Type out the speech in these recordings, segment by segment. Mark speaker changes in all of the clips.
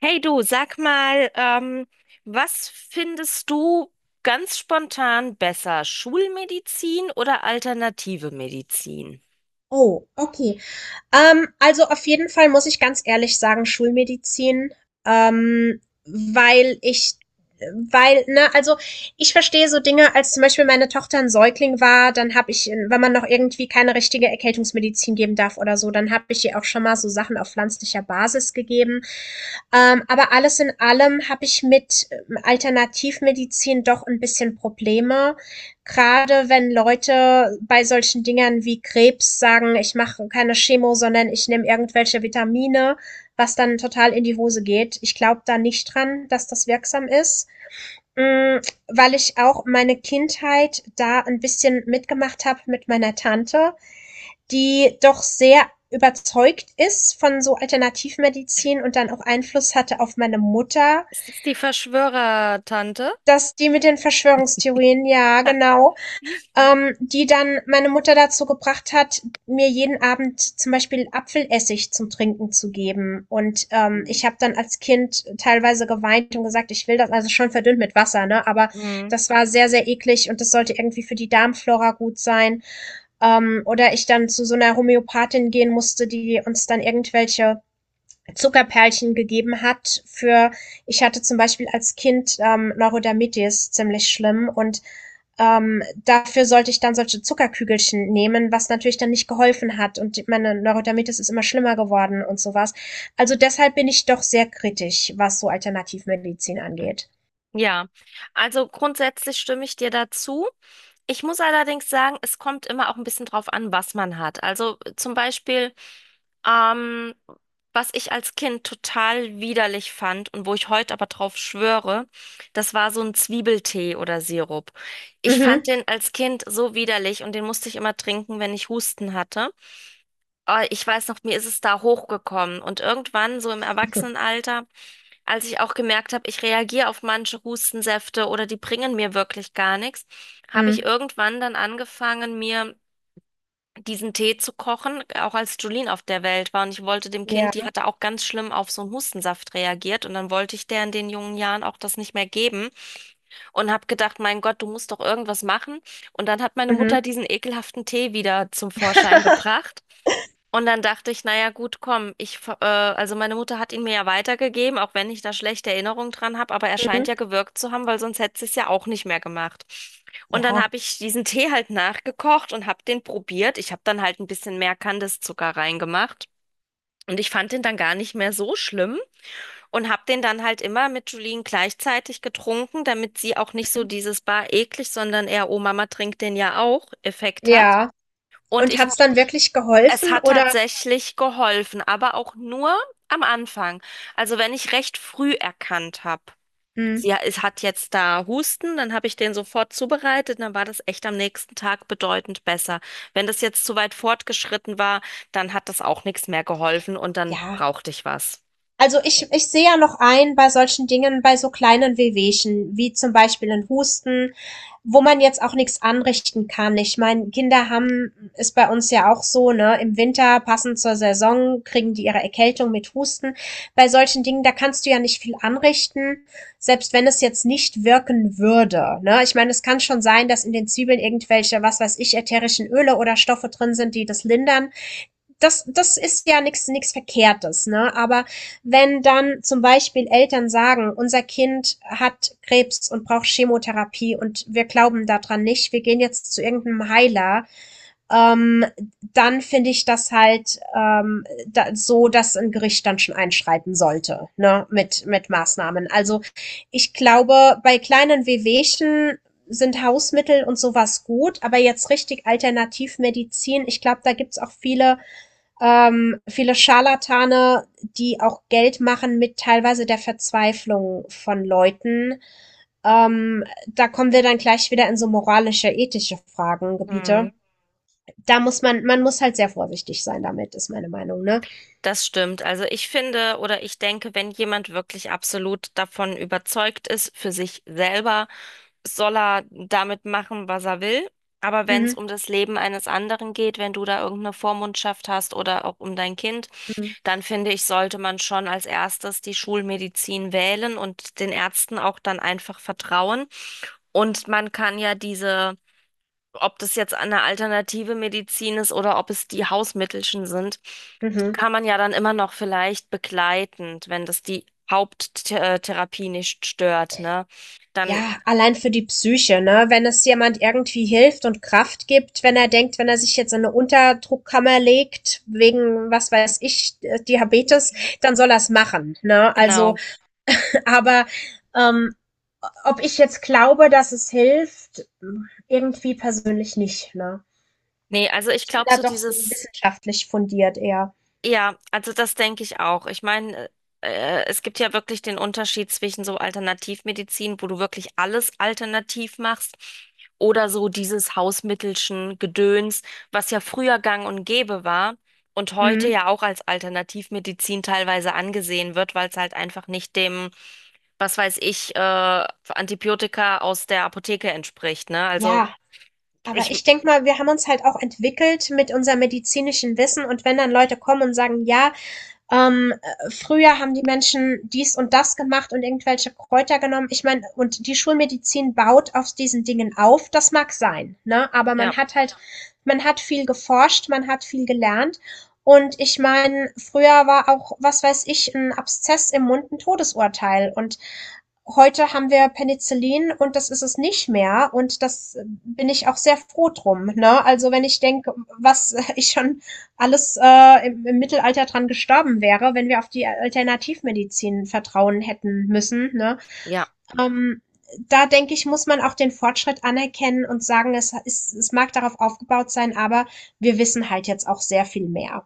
Speaker 1: Hey du, sag mal, was findest du ganz spontan besser, Schulmedizin oder alternative Medizin?
Speaker 2: Oh, okay. Also auf jeden Fall muss ich ganz ehrlich sagen, Schulmedizin. ähm, weil ich, Weil, ne, also ich verstehe so Dinge, als zum Beispiel meine Tochter ein Säugling war, dann habe ich, wenn man noch irgendwie keine richtige Erkältungsmedizin geben darf oder so, dann habe ich ihr auch schon mal so Sachen auf pflanzlicher Basis gegeben. Aber alles in allem habe ich mit Alternativmedizin doch ein bisschen Probleme, gerade wenn Leute bei solchen Dingern wie Krebs sagen, ich mache keine Chemo, sondern ich nehme irgendwelche Vitamine, was dann total in die Hose geht. Ich glaube da nicht dran, dass das wirksam ist, Mm, weil ich auch meine Kindheit da ein bisschen mitgemacht habe mit meiner Tante, die doch sehr überzeugt ist von so Alternativmedizin und dann auch Einfluss hatte auf meine Mutter,
Speaker 1: Ist das die Verschwörertante?
Speaker 2: dass die mit den Verschwörungstheorien, ja, genau, die dann meine Mutter dazu gebracht hat, mir jeden Abend zum Beispiel Apfelessig zum Trinken zu geben. Und ich habe dann als Kind teilweise geweint und gesagt, ich will das, also schon verdünnt mit Wasser, ne? Aber
Speaker 1: Mhm.
Speaker 2: das war sehr, sehr eklig und das sollte irgendwie für die Darmflora gut sein. Oder ich dann zu so einer Homöopathin gehen musste, die uns dann irgendwelche Zuckerperlchen gegeben hat für, ich hatte zum Beispiel als Kind Neurodermitis ziemlich schlimm, und dafür sollte ich dann solche Zuckerkügelchen nehmen, was natürlich dann nicht geholfen hat, und meine Neurodermitis ist immer schlimmer geworden und sowas. Also deshalb bin ich doch sehr kritisch, was so Alternativmedizin angeht.
Speaker 1: Ja, also grundsätzlich stimme ich dir dazu. Ich muss allerdings sagen, es kommt immer auch ein bisschen drauf an, was man hat. Also zum Beispiel, ähm, was ich als Kind total widerlich fand und wo ich heute aber drauf schwöre, das war so ein Zwiebeltee oder Sirup. Ich fand
Speaker 2: Mhm.
Speaker 1: den als Kind so widerlich und den musste ich immer trinken, wenn ich Husten hatte. Ich weiß noch, mir ist es da hochgekommen und irgendwann so im Erwachsenenalter, als ich auch gemerkt habe, ich reagiere auf manche Hustensäfte oder die bringen mir wirklich gar nichts, habe ich
Speaker 2: Mhm.
Speaker 1: irgendwann dann angefangen, mir diesen Tee zu kochen, auch als Julien auf der Welt war. Und ich wollte dem
Speaker 2: Ja.
Speaker 1: Kind, die hatte auch ganz schlimm auf so einen Hustensaft reagiert. Und dann wollte ich der in den jungen Jahren auch das nicht mehr geben und habe gedacht, mein Gott, du musst doch irgendwas machen. Und dann hat meine Mutter
Speaker 2: Mhm.
Speaker 1: diesen ekelhaften Tee wieder zum Vorschein gebracht. Und dann dachte ich, naja, gut, komm, also meine Mutter hat ihn mir ja weitergegeben, auch wenn ich da schlechte Erinnerungen dran habe, aber er scheint
Speaker 2: Mhm.
Speaker 1: ja gewirkt zu haben, weil sonst hätte sie es ja auch nicht mehr gemacht. Und dann
Speaker 2: Ja.
Speaker 1: habe ich diesen Tee halt nachgekocht und habe den probiert. Ich habe dann halt ein bisschen mehr Kandiszucker reingemacht. Und ich fand den dann gar nicht mehr so schlimm und habe den dann halt immer mit Julien gleichzeitig getrunken, damit sie auch nicht so
Speaker 2: Mhm.
Speaker 1: dieses Bar eklig, sondern eher, oh Mama trinkt den ja auch Effekt hat.
Speaker 2: Ja.
Speaker 1: Und
Speaker 2: Und
Speaker 1: ich
Speaker 2: hat's dann wirklich
Speaker 1: Es
Speaker 2: geholfen
Speaker 1: hat
Speaker 2: oder?
Speaker 1: tatsächlich geholfen, aber auch nur am Anfang. Also wenn ich recht früh erkannt habe,
Speaker 2: Mhm.
Speaker 1: sie es hat jetzt da Husten, dann habe ich den sofort zubereitet, dann war das echt am nächsten Tag bedeutend besser. Wenn das jetzt zu weit fortgeschritten war, dann hat das auch nichts mehr geholfen und dann
Speaker 2: Ja.
Speaker 1: brauchte ich was.
Speaker 2: Ich sehe ja noch ein bei solchen Dingen, bei so kleinen Wehwehchen, wie zum Beispiel ein Husten, wo man jetzt auch nichts anrichten kann. Ich meine, Kinder haben ist bei uns ja auch so, ne, im Winter passend zur Saison kriegen die ihre Erkältung mit Husten. Bei solchen Dingen, da kannst du ja nicht viel anrichten, selbst wenn es jetzt nicht wirken würde, ne? Ich meine, es kann schon sein, dass in den Zwiebeln irgendwelche, was weiß ich, ätherischen Öle oder Stoffe drin sind, die das lindern. Das ist ja nichts nix Verkehrtes, ne? Aber wenn dann zum Beispiel Eltern sagen, unser Kind hat Krebs und braucht Chemotherapie und wir glauben daran nicht, wir gehen jetzt zu irgendeinem Heiler, ähm, dann finde ich das halt, dass ein Gericht dann schon einschreiten sollte, ne? Mit Maßnahmen. Also ich glaube, bei kleinen Wehwehchen sind Hausmittel und sowas gut, aber jetzt richtig Alternativmedizin, ich glaube, da gibt's auch viele Scharlatane, die auch Geld machen mit teilweise der Verzweiflung von Leuten. Da kommen wir dann gleich wieder in so moralische, ethische Fragen,
Speaker 1: Hm.
Speaker 2: Gebiete. Man muss halt sehr vorsichtig sein damit, ist meine Meinung, ne?
Speaker 1: Das stimmt. Also ich finde oder ich denke, wenn jemand wirklich absolut davon überzeugt ist, für sich selber, soll er damit machen, was er will. Aber wenn es
Speaker 2: Mhm.
Speaker 1: um das Leben eines anderen geht, wenn du da irgendeine Vormundschaft hast oder auch um dein Kind,
Speaker 2: Mhm.
Speaker 1: dann finde ich, sollte man schon als erstes die Schulmedizin wählen und den Ärzten auch dann einfach vertrauen. Und man kann ja diese, ob das jetzt eine alternative Medizin ist oder ob es die Hausmittelchen sind, die
Speaker 2: Mhm.
Speaker 1: kann man ja dann immer noch vielleicht begleitend, wenn das die Haupttherapie nicht stört, ne? Dann,
Speaker 2: Ja, allein für die Psyche, ne? Wenn es jemand irgendwie hilft und Kraft gibt, wenn er denkt, wenn er sich jetzt in eine Unterdruckkammer legt, wegen, was weiß ich, Diabetes, dann soll er es machen, ne? Also,
Speaker 1: genau.
Speaker 2: aber ähm, ob ich jetzt glaube, dass es hilft, irgendwie persönlich nicht. Ne?
Speaker 1: Nee, also ich glaube
Speaker 2: Da
Speaker 1: so
Speaker 2: doch so
Speaker 1: dieses,
Speaker 2: wissenschaftlich fundiert eher.
Speaker 1: ja, also das denke ich auch. Ich meine, es gibt ja wirklich den Unterschied zwischen so Alternativmedizin, wo du wirklich alles alternativ machst, oder so dieses Hausmittelchen Gedöns, was ja früher gang und gäbe war und heute
Speaker 2: Mhm.
Speaker 1: ja auch als Alternativmedizin teilweise angesehen wird, weil es halt einfach nicht dem, was weiß ich, Antibiotika aus der Apotheke entspricht, ne? Also
Speaker 2: Ja, aber
Speaker 1: ich,
Speaker 2: ich denke mal, wir haben uns halt auch entwickelt mit unserem medizinischen Wissen, und wenn dann Leute kommen und sagen, ja, früher haben die Menschen dies und das gemacht und irgendwelche Kräuter genommen. Ich meine, und die Schulmedizin baut auf diesen Dingen auf, das mag sein, ne? Aber
Speaker 1: ja,
Speaker 2: man hat halt, man hat viel geforscht, man hat viel gelernt. Und ich meine, früher war auch, was weiß ich, ein Abszess im Mund ein Todesurteil. Und heute haben wir Penicillin und das ist es nicht mehr, und das bin ich auch sehr froh drum. Ne? Also wenn ich denke, was ich schon alles im Mittelalter dran gestorben wäre, wenn wir auf die Alternativmedizin vertrauen hätten müssen. Ne?
Speaker 1: ja.
Speaker 2: Ähm, Da denke ich, muss man auch den Fortschritt anerkennen und sagen, es ist, es mag darauf aufgebaut sein, aber wir wissen halt jetzt auch sehr viel mehr.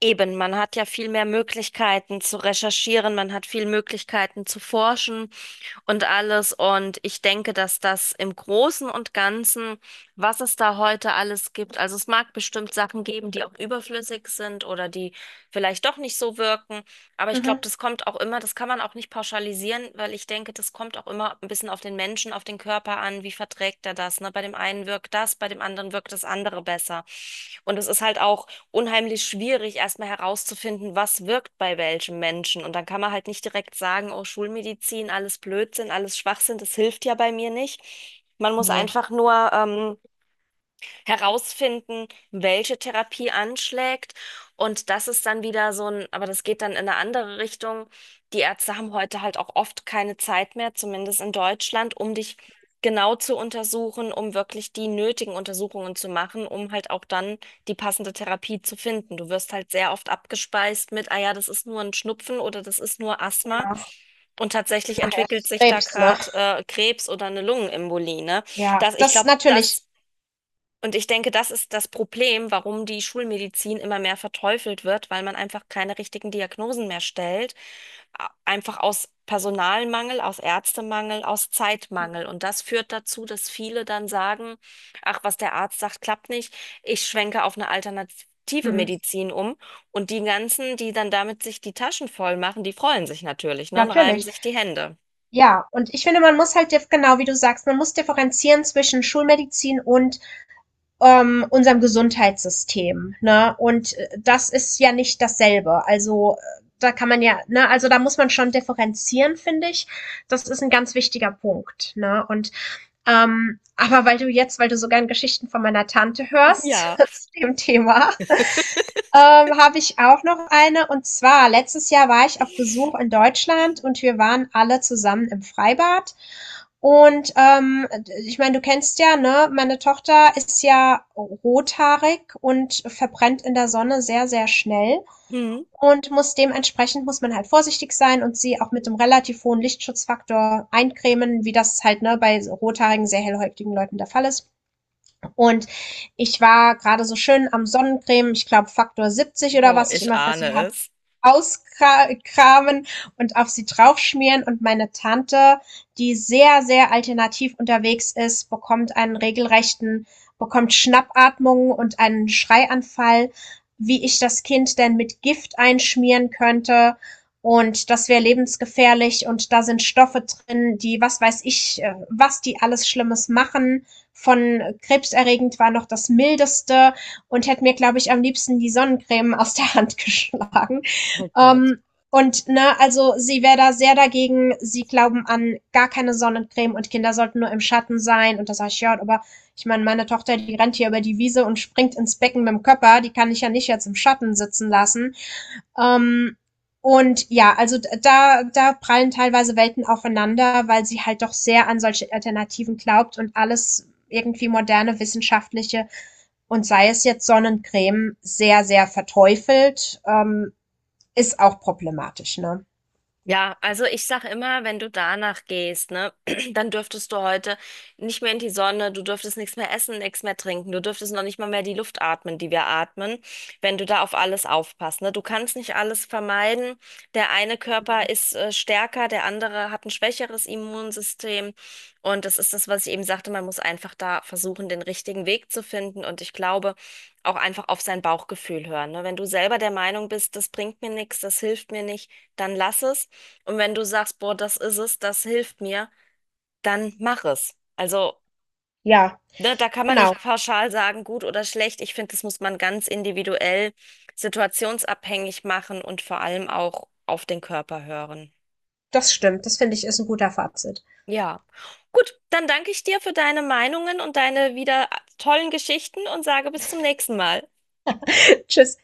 Speaker 1: Eben, man hat ja viel mehr Möglichkeiten zu recherchieren, man hat viel Möglichkeiten zu forschen und alles. Und ich denke, dass das im Großen und Ganzen, was es da heute alles gibt, also es mag bestimmt Sachen geben, die auch überflüssig sind oder die vielleicht doch nicht so wirken. Aber ich glaube,
Speaker 2: Mhm.
Speaker 1: das kommt auch immer, das kann man auch nicht pauschalisieren, weil ich denke, das kommt auch immer ein bisschen auf den Menschen, auf den Körper an, wie verträgt er das, ne? Bei dem einen wirkt das, bei dem anderen wirkt das andere besser. Und es ist halt auch unheimlich schwierig, erstmal herauszufinden, was wirkt bei welchem Menschen. Und dann kann man halt nicht direkt sagen, oh, Schulmedizin, alles Blödsinn, alles Schwachsinn, das hilft ja bei mir nicht. Man muss
Speaker 2: Ne,
Speaker 1: einfach nur herausfinden, welche Therapie anschlägt. Und das ist dann wieder so ein, aber das geht dann in eine andere Richtung. Die Ärzte haben heute halt auch oft keine Zeit mehr, zumindest in Deutschland, um dich genau zu untersuchen, um wirklich die nötigen Untersuchungen zu machen, um halt auch dann die passende Therapie zu finden. Du wirst halt sehr oft abgespeist mit, ah ja, das ist nur ein Schnupfen oder das ist nur Asthma.
Speaker 2: genau,
Speaker 1: Und tatsächlich
Speaker 2: nachher ist
Speaker 1: entwickelt
Speaker 2: es
Speaker 1: sich da
Speaker 2: Krebs, ne?
Speaker 1: gerade Krebs oder eine Lungenembolie, ne?
Speaker 2: Ja,
Speaker 1: Das, ich
Speaker 2: das
Speaker 1: glaube,
Speaker 2: natürlich.
Speaker 1: das Und ich denke, das ist das Problem, warum die Schulmedizin immer mehr verteufelt wird, weil man einfach keine richtigen Diagnosen mehr stellt. Einfach aus Personalmangel, aus Ärztemangel, aus Zeitmangel. Und das führt dazu, dass viele dann sagen, ach, was der Arzt sagt, klappt nicht. Ich schwenke auf eine alternative
Speaker 2: Mhm.
Speaker 1: Medizin um. Und die ganzen, die dann damit sich die Taschen voll machen, die freuen sich natürlich, ne, und reiben
Speaker 2: Natürlich.
Speaker 1: sich die Hände.
Speaker 2: Ja, und ich finde, man muss halt dif genau wie du sagst, man muss differenzieren zwischen Schulmedizin und unserem Gesundheitssystem, ne? Und das ist ja nicht dasselbe. Also, da kann man ja, ne, also da muss man schon differenzieren, finde ich. Das ist ein ganz wichtiger Punkt, ne? Und aber weil du so gern Geschichten von meiner Tante hörst
Speaker 1: Ja.
Speaker 2: zu dem Thema. Habe ich auch noch eine. Und zwar, letztes Jahr war ich auf Besuch in Deutschland, und wir waren alle zusammen im Freibad. Und ich meine, du kennst ja, ne, meine Tochter ist ja rothaarig und verbrennt in der Sonne sehr, sehr schnell.
Speaker 1: Hm.
Speaker 2: Und muss man halt vorsichtig sein und sie auch mit einem relativ hohen Lichtschutzfaktor eincremen, wie das halt ne, bei rothaarigen, sehr hellhäutigen Leuten der Fall ist. Und ich war gerade so schön am Sonnencreme, ich glaube Faktor 70 oder
Speaker 1: Oh,
Speaker 2: was ich
Speaker 1: ich
Speaker 2: immer für
Speaker 1: ahne
Speaker 2: sie habe
Speaker 1: es.
Speaker 2: auskramen und auf sie draufschmieren. Und meine Tante, die sehr, sehr alternativ unterwegs ist, bekommt Schnappatmungen und einen Schreianfall, wie ich das Kind denn mit Gift einschmieren könnte. Und das wäre lebensgefährlich und da sind Stoffe drin, die, was weiß ich, was die alles Schlimmes machen. Von krebserregend war noch das mildeste, und hätte mir, glaube ich, am liebsten die Sonnencreme aus der Hand geschlagen. Ähm, ne, also sie wäre da sehr dagegen. Sie glauben an gar keine Sonnencreme und Kinder sollten nur im Schatten sein. Und da sage ich, ja, aber ich meine, meine Tochter, die rennt hier über die Wiese und springt ins Becken mit dem Körper. Die kann ich ja nicht jetzt im Schatten sitzen lassen. Ähm, und ja, also da, da prallen teilweise Welten aufeinander, weil sie halt doch sehr an solche Alternativen glaubt und alles irgendwie moderne wissenschaftliche, und sei es jetzt Sonnencreme, sehr, sehr verteufelt. Ist auch problematisch, ne?
Speaker 1: Ja, also ich sag immer, wenn du danach gehst, ne, dann dürftest du heute nicht mehr in die Sonne, du dürftest nichts mehr essen, nichts mehr trinken, du dürftest noch nicht mal mehr die Luft atmen, die wir atmen, wenn du da auf alles aufpasst, ne? Du kannst nicht alles vermeiden. Der eine Körper ist stärker, der andere hat ein schwächeres Immunsystem und das ist das, was ich eben sagte, man muss einfach da versuchen, den richtigen Weg zu finden und ich glaube, auch einfach auf sein Bauchgefühl hören, ne? Wenn du selber der Meinung bist, das bringt mir nichts, das hilft mir nicht, dann lass es. Und wenn du sagst, boah, das ist es, das hilft mir, dann mach es. Also,
Speaker 2: Ja,
Speaker 1: ne, da kann man nicht
Speaker 2: genau.
Speaker 1: pauschal sagen, gut oder schlecht. Ich finde, das muss man ganz individuell, situationsabhängig machen und vor allem auch auf den Körper hören.
Speaker 2: Das stimmt. Das finde ich, ist ein guter Fazit.
Speaker 1: Ja. Gut, dann danke ich dir für deine Meinungen und deine wieder tollen Geschichten und sage bis zum nächsten Mal.
Speaker 2: Tschüss.